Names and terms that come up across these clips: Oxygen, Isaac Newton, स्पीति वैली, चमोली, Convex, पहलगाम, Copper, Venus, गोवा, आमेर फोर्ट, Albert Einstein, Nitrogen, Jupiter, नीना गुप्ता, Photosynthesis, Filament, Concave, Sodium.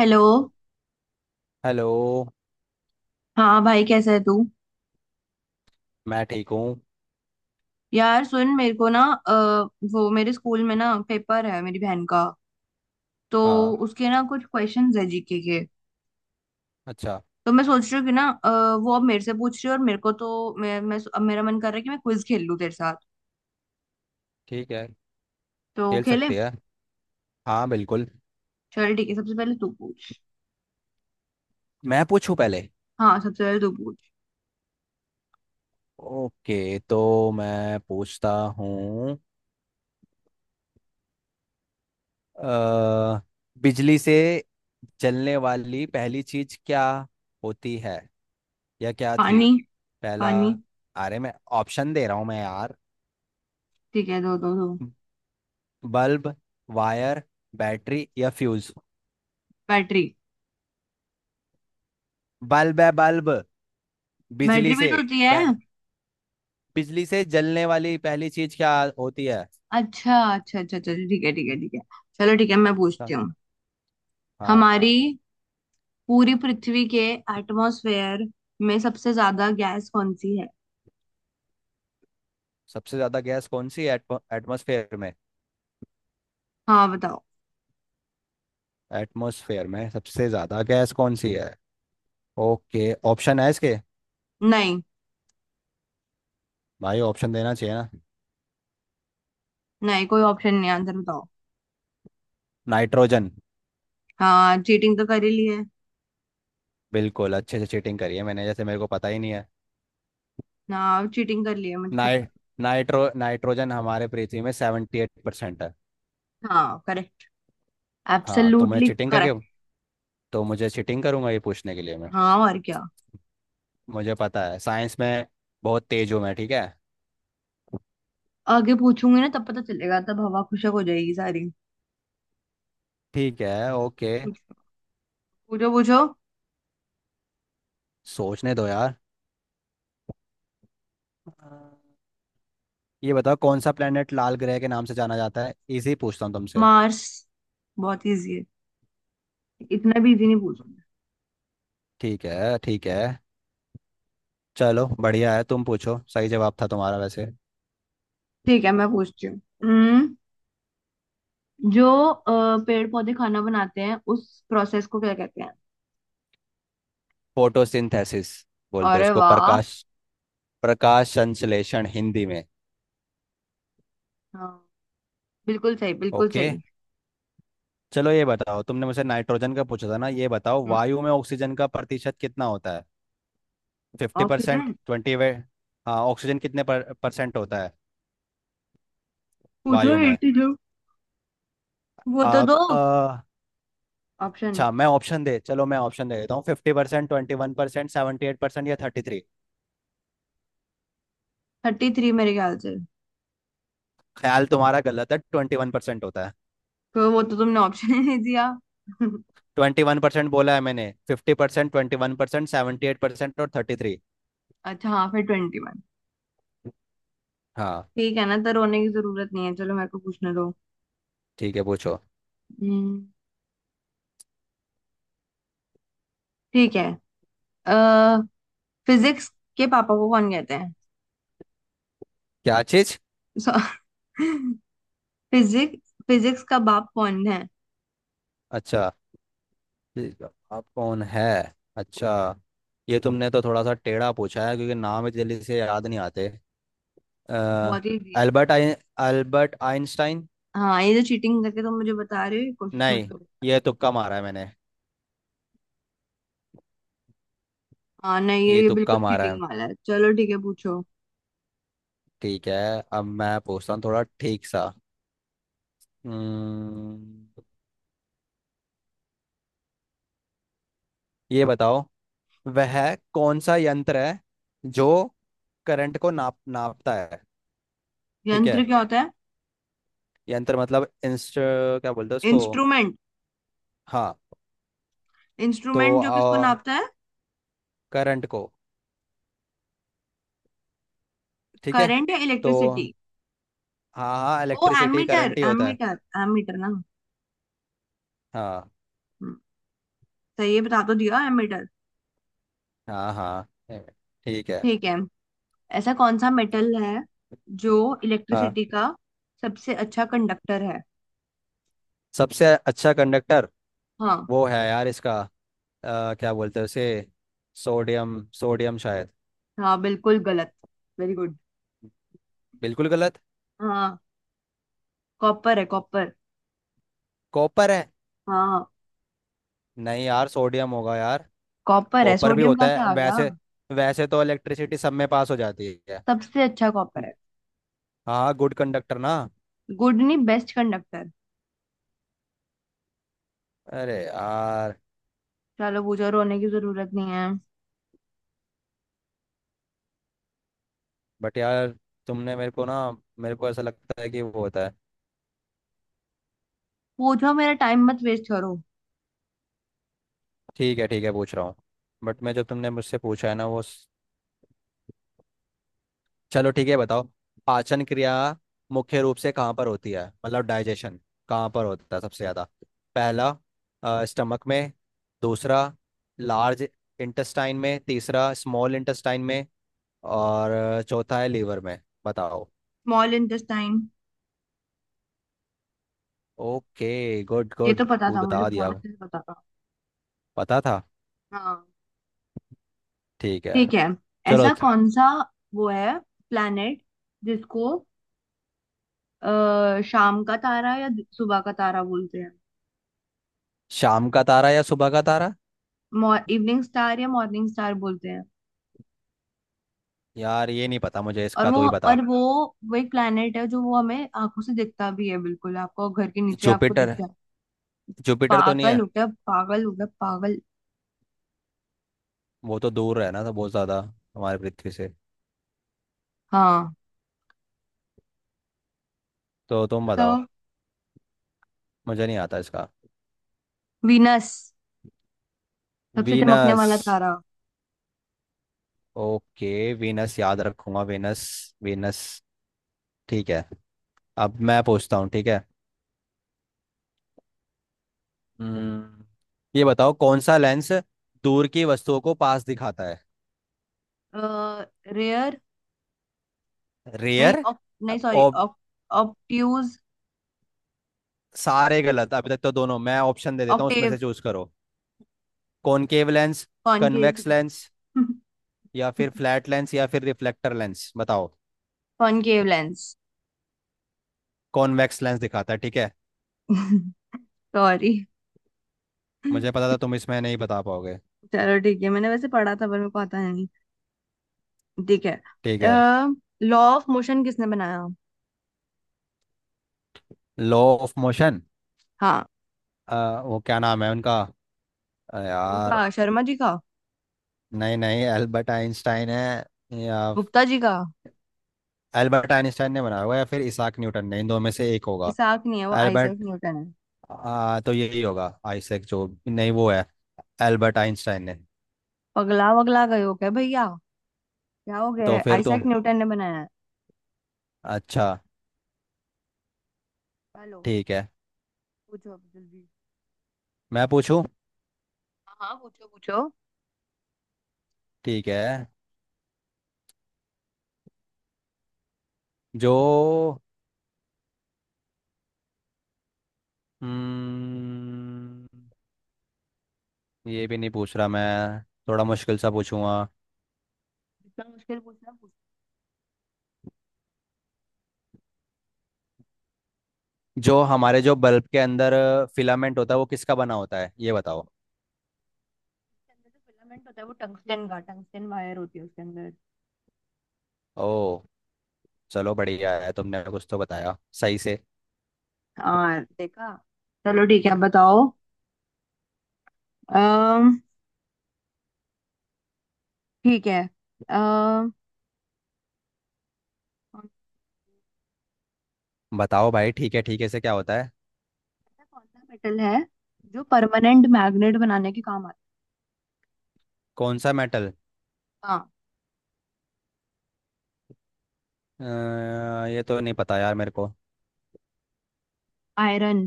Hello. Hello. हाँ भाई कैसा है तू। मैं ठीक हूँ। यार सुन मेरे को ना, अ, वो मेरे स्कूल में ना पेपर है मेरी बहन का। तो हाँ। उसके ना कुछ क्वेश्चंस है जीके के। अच्छा। तो मैं सोच रही हूँ कि ना, वो अब मेरे से पूछ रही है और मेरे को तो मैं अब मेरा मन कर रहा है कि मैं क्विज खेल लूँ तेरे साथ। ठीक है। तो खेल खेले। सकते हैं। हाँ बिल्कुल। चल ठीक है, सबसे पहले तू पूछ। मैं पूछूं पहले? हाँ सबसे पहले तू पूछ। ओके तो मैं पूछता हूँ। अ, बिजली से जलने वाली पहली चीज क्या होती है या क्या थी? पानी। पहला? पानी। अरे मैं ऑप्शन दे रहा हूँ मैं यार। ठीक है दो दो दो। बल्ब, वायर, बैटरी या फ्यूज? बैटरी। बल्ब है बल्ब। बैटरी बिजली भी से। तो होती है। बै- बिजली से जलने वाली पहली चीज क्या होती है? अच्छा अच्छा अच्छा, चलो ठीक है ठीक है ठीक है। चलो ठीक है मैं पूछती सा- हूँ। हाँ। हमारी पूरी पृथ्वी के एटमॉस्फेयर में सबसे ज्यादा गैस कौन सी है? सबसे ज्यादा गैस कौन सी है? एटमॉस्फेयर में। हाँ बताओ। एटमॉस्फेयर में सबसे ज्यादा गैस कौन सी है? ओके ऑप्शन है इसके। नहीं। भाई ऑप्शन देना चाहिए ना। नहीं कोई ऑप्शन नहीं, आंसर बताओ। नाइट्रोजन। हाँ चीटिंग तो कर ही ली है। बिल्कुल अच्छे से चीटिंग करी है मैंने जैसे मेरे को पता ही नहीं है। हाँ चीटिंग कर ली है मुझे सब नाइ नाइट्रोजन हमारे पृथ्वी में 78% है। पता। हाँ करेक्ट। हाँ तो मैं एब्सोल्युटली चीटिंग करके। करेक्ट। तो मुझे चीटिंग करूंगा ये पूछने के लिए मैं। हाँ और क्या। मुझे पता है साइंस में बहुत तेज हूँ मैं। ठीक है। आगे पूछूंगी ना तब पता चलेगा, तब हवा खुशक हो जाएगी सारी। ठीक है। ओके पूछो। पूछो पूछो। सोचने दो यार। ये बताओ कौन सा प्लेनेट लाल ग्रह के नाम से जाना जाता है? इजी पूछता हूँ तुमसे। मार्स। बहुत इजी है। इतना भी इजी नहीं पूछना। ठीक है ठीक है। चलो बढ़िया है, तुम पूछो, सही जवाब था तुम्हारा वैसे। ठीक है मैं पूछती हूँ। जो पेड़ पौधे खाना बनाते हैं उस प्रोसेस को क्या कहते हैं? फोटोसिंथेसिस बोलते हैं अरे उसको। वाह। प्रकाश। प्रकाश संश्लेषण हिंदी में। हाँ, बिल्कुल सही बिल्कुल ओके। सही। चलो ये बताओ तुमने मुझसे नाइट्रोजन का पूछा था ना, ये बताओ हम्म, वायु में ऑक्सीजन का प्रतिशत कितना होता है? 50%, ऑक्सीजन। ट्वेंटी वे... हाँ ऑक्सीजन कितने परसेंट होता है? पूछो वायु में। 82। वो तो आ, दो। क- आ, ऑप्शन। अच्छा मैं ऑप्शन दे, चलो मैं ऑप्शन दे देता हूँ। 50%, 21%, 78% या 33? थर्टी थ्री मेरे ख्याल से। ख्याल तुम्हारा गलत है, 21% होता है। तो वो तो तुमने ऑप्शन ही नहीं दिया। 21% बोला है मैंने। 50%, 21%, 78% और 33। अच्छा हाँ फिर ट्वेंटी वन। हाँ। ठीक है ना, तो रोने की जरूरत नहीं है, चलो मेरे को पूछने दो। ठीक है पूछो। हम्म, ठीक है। अः फिजिक्स के पापा को कौन कहते हैं? क्या चीज? फिजिक्स फिजिक्स का बाप कौन है? अच्छा ठीक है, आप कौन है? अच्छा। ये तुमने तो थोड़ा सा टेढ़ा पूछा है क्योंकि नाम इतनी जल्दी से याद नहीं आते। अ, बहुत इजी है। अल्बर्ट आइन अल्बर्ट आइंस्टाइन। हाँ ये जो चीटिंग करके तुम मुझे बता रहे हो, ये कोशिश मत नहीं, करो। ये तुक्का मारा है मैंने। हाँ नहीं, ये ये ये बिल्कुल तुक्का मारा है। चीटिंग वाला है, चलो ठीक है पूछो। ठीक है। अब मैं पूछता हूँ थोड़ा ठीक सा। हम्म, ये बताओ, वह कौन सा यंत्र है जो करंट को नापता है? ठीक है। यंत्र क्या होता है? यंत्र मतलब इंस्ट, क्या बोलते हैं उसको? इंस्ट्रूमेंट। हाँ तो इंस्ट्रूमेंट जो किसको नापता है? करंट को। ठीक है। करंट या तो इलेक्ट्रिसिटी। हाँ हाँ वो इलेक्ट्रिसिटी एमीटर करंट ही होता है। एमीटर। एमीटर ना। हाँ हम्म, सही है, बता तो दिया एमीटर। हाँ हाँ है, ठीक है। ठीक है। ऐसा कौन सा मेटल है जो हाँ इलेक्ट्रिसिटी का सबसे अच्छा कंडक्टर है? सबसे अच्छा कंडक्टर। हाँ। वो है यार इसका। क्या बोलते हैं उसे? सोडियम सोडियम शायद। हाँ बिल्कुल गलत। Very good. बिल्कुल गलत। हाँ कॉपर है कॉपर। कॉपर है। हाँ। नहीं यार सोडियम होगा यार। कॉपर है, कॉपर भी सोडियम होता कहाँ से है आ गया। वैसे। वैसे तो इलेक्ट्रिसिटी सब में पास हो जाती है। सबसे अच्छा कॉपर है। हाँ गुड कंडक्टर ना। गुड नहीं बेस्ट कंडक्टर। अरे यार। चलो पूछो, रोने की जरूरत नहीं है। बट यार तुमने मेरे को ना, मेरे को ऐसा लगता है कि वो होता है। पूछो, मेरा टाइम मत वेस्ट करो। ठीक है ठीक है, पूछ रहा हूँ। बट मैं, जो तुमने मुझसे पूछा है ना वो चलो ठीक है बताओ। पाचन क्रिया मुख्य रूप से कहाँ पर होती है, मतलब डाइजेशन कहाँ पर होता है सबसे ज़्यादा? पहला स्टमक में, दूसरा लार्ज इंटेस्टाइन में, तीसरा स्मॉल इंटेस्टाइन में और चौथा है लीवर में। बताओ। Small intestine. ओके गुड ये गुड, तो पता वो था मुझे, बता दिया। बहुत अच्छे से पता था। पता था। हाँ। ठीक है। ठीक है। चलो ऐसा कौन सा वो है प्लेनेट जिसको शाम का तारा या सुबह का तारा बोलते हैं? शाम का तारा या सुबह का तारा? इवनिंग स्टार या मॉर्निंग स्टार बोलते हैं। यार ये नहीं पता मुझे, और इसका वो तो ही बता। और वो वो एक प्लेनेट है जो वो हमें आंखों से दिखता भी है, बिल्कुल आपको घर के नीचे आपको दिख जुपिटर? जाए। जुपिटर तो नहीं पागल है? हो गया पागल हो गया पागल। वो तो दूर है ना तो बहुत ज्यादा हमारे पृथ्वी से। हाँ तो तुम बताओ। बताओ। मुझे नहीं आता इसका। वीनस। सबसे चमकने वीनस। वाला तारा। ओके वीनस याद रखूंगा। वीनस। वीनस। ठीक है। अब मैं पूछता हूँ, ठीक है? हम्म, ये बताओ कौन सा लेंस दूर की वस्तुओं को पास दिखाता है? रेयर। नहीं रेयर? नहीं सॉरी और ऑप्ट्यूज। सारे गलत अभी तक तो दोनों। मैं ऑप्शन दे देता हूँ, उसमें ऑक्टेव। से चूज करो। Concave lens, concave. Convex lens, या फिर फ्लैट लेंस, या फिर रिफ्लेक्टर लेंस? बताओ। Concave lens. कॉन्वेक्स लेंस दिखाता है, ठीक है। सॉरी। मुझे पता था तुम इसमें नहीं बता पाओगे। चलो ठीक है, मैंने वैसे पढ़ा था पर मेरे को आता नहीं। ठीक है। ठीक है। लॉ ऑफ मोशन किसने बनाया? Law of motion. हाँ। वो क्या नाम है उनका? इनका यार शर्मा जी का। नहीं नहीं, एल्बर्ट आइंस्टाइन है? या गुप्ता जी का। एल्बर्ट आइंस्टाइन ने बनाया होगा या फिर इसाक न्यूटन ने? इन दो में से एक होगा। इसाक नहीं है, वो आइजैक एल्बर्ट। न्यूटन है। तो यही होगा। आइसैक जो नहीं वो है। एल्बर्ट आइंस्टाइन ने। पगला वगला गए हो क्या भैया? क्या हो गया तो है? फिर तुम। आइजैक न्यूटन ने बनाया है। अच्छा। हेलो। ठीक है। पूछो अब जल्दी। मैं पूछूं? हाँ हाँ, पूछो पूछो। ठीक है। जो, हम्म ये भी नहीं पूछ रहा मैं। थोड़ा मुश्किल सा पूछूंगा। इतना मुश्किल पूछना पूछना। जो हमारे जो बल्ब के अंदर फिलामेंट होता है वो किसका बना होता है, ये बताओ? उसके अंदर जो फिलामेंट होता है वो टंगस्टन का, टंगस्टन वायर होती है उसके अंदर। ओ, चलो बढ़िया है, तुमने कुछ तो बताया सही से। हाँ देखा। चलो ठीक है अब बताओ। अम्म ठीक है। अम्म कौन बताओ भाई। ठीक है से क्या होता है? कौन सा मेटल है जो परमानेंट मैग्नेट बनाने के काम आता कौन सा मेटल? है? हाँ। ये तो नहीं पता यार मेरे को। आयरन।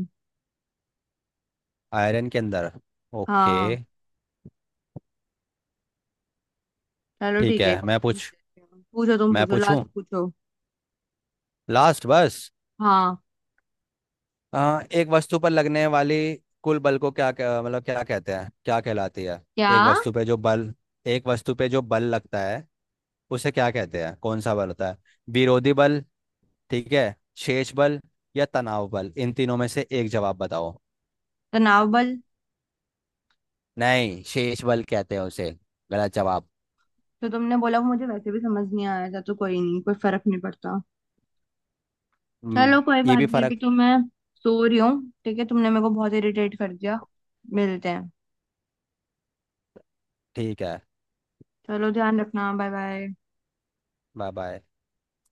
आयरन के अंदर। ओके। हाँ। चलो ठीक ठीक है है। एक और मैं पूछ पूछ लेते हैं। पूछो तुम, मैं पूछो लास्ट पूछूं पूछो। लास्ट बस। हाँ। एक वस्तु पर लगने वाली कुल बल को क्या क्या- मतलब क्या कहते हैं, क्या कहलाती है? क्या। एक वस्तु पे जो बल एक वस्तु पे जो बल लगता है उसे क्या कहते हैं? कौन सा बल होता है? विरोधी बल, ठीक है, शेष बल या तनाव बल? इन तीनों में से एक जवाब बताओ। तनाव बल। नहीं शेष बल कहते हैं उसे। गलत जवाब। जो तुमने बोला वो मुझे वैसे भी समझ नहीं आया था, तो कोई नहीं, कोई फर्क नहीं पड़ता। हम्म। चलो कोई ये बात भी नहीं, फर्क। अभी तो मैं सो रही हूँ, ठीक है तुमने मेरे को बहुत इरिटेट कर दिया। मिलते हैं। ठीक है। चलो ध्यान रखना, बाय बाय। Bye bye.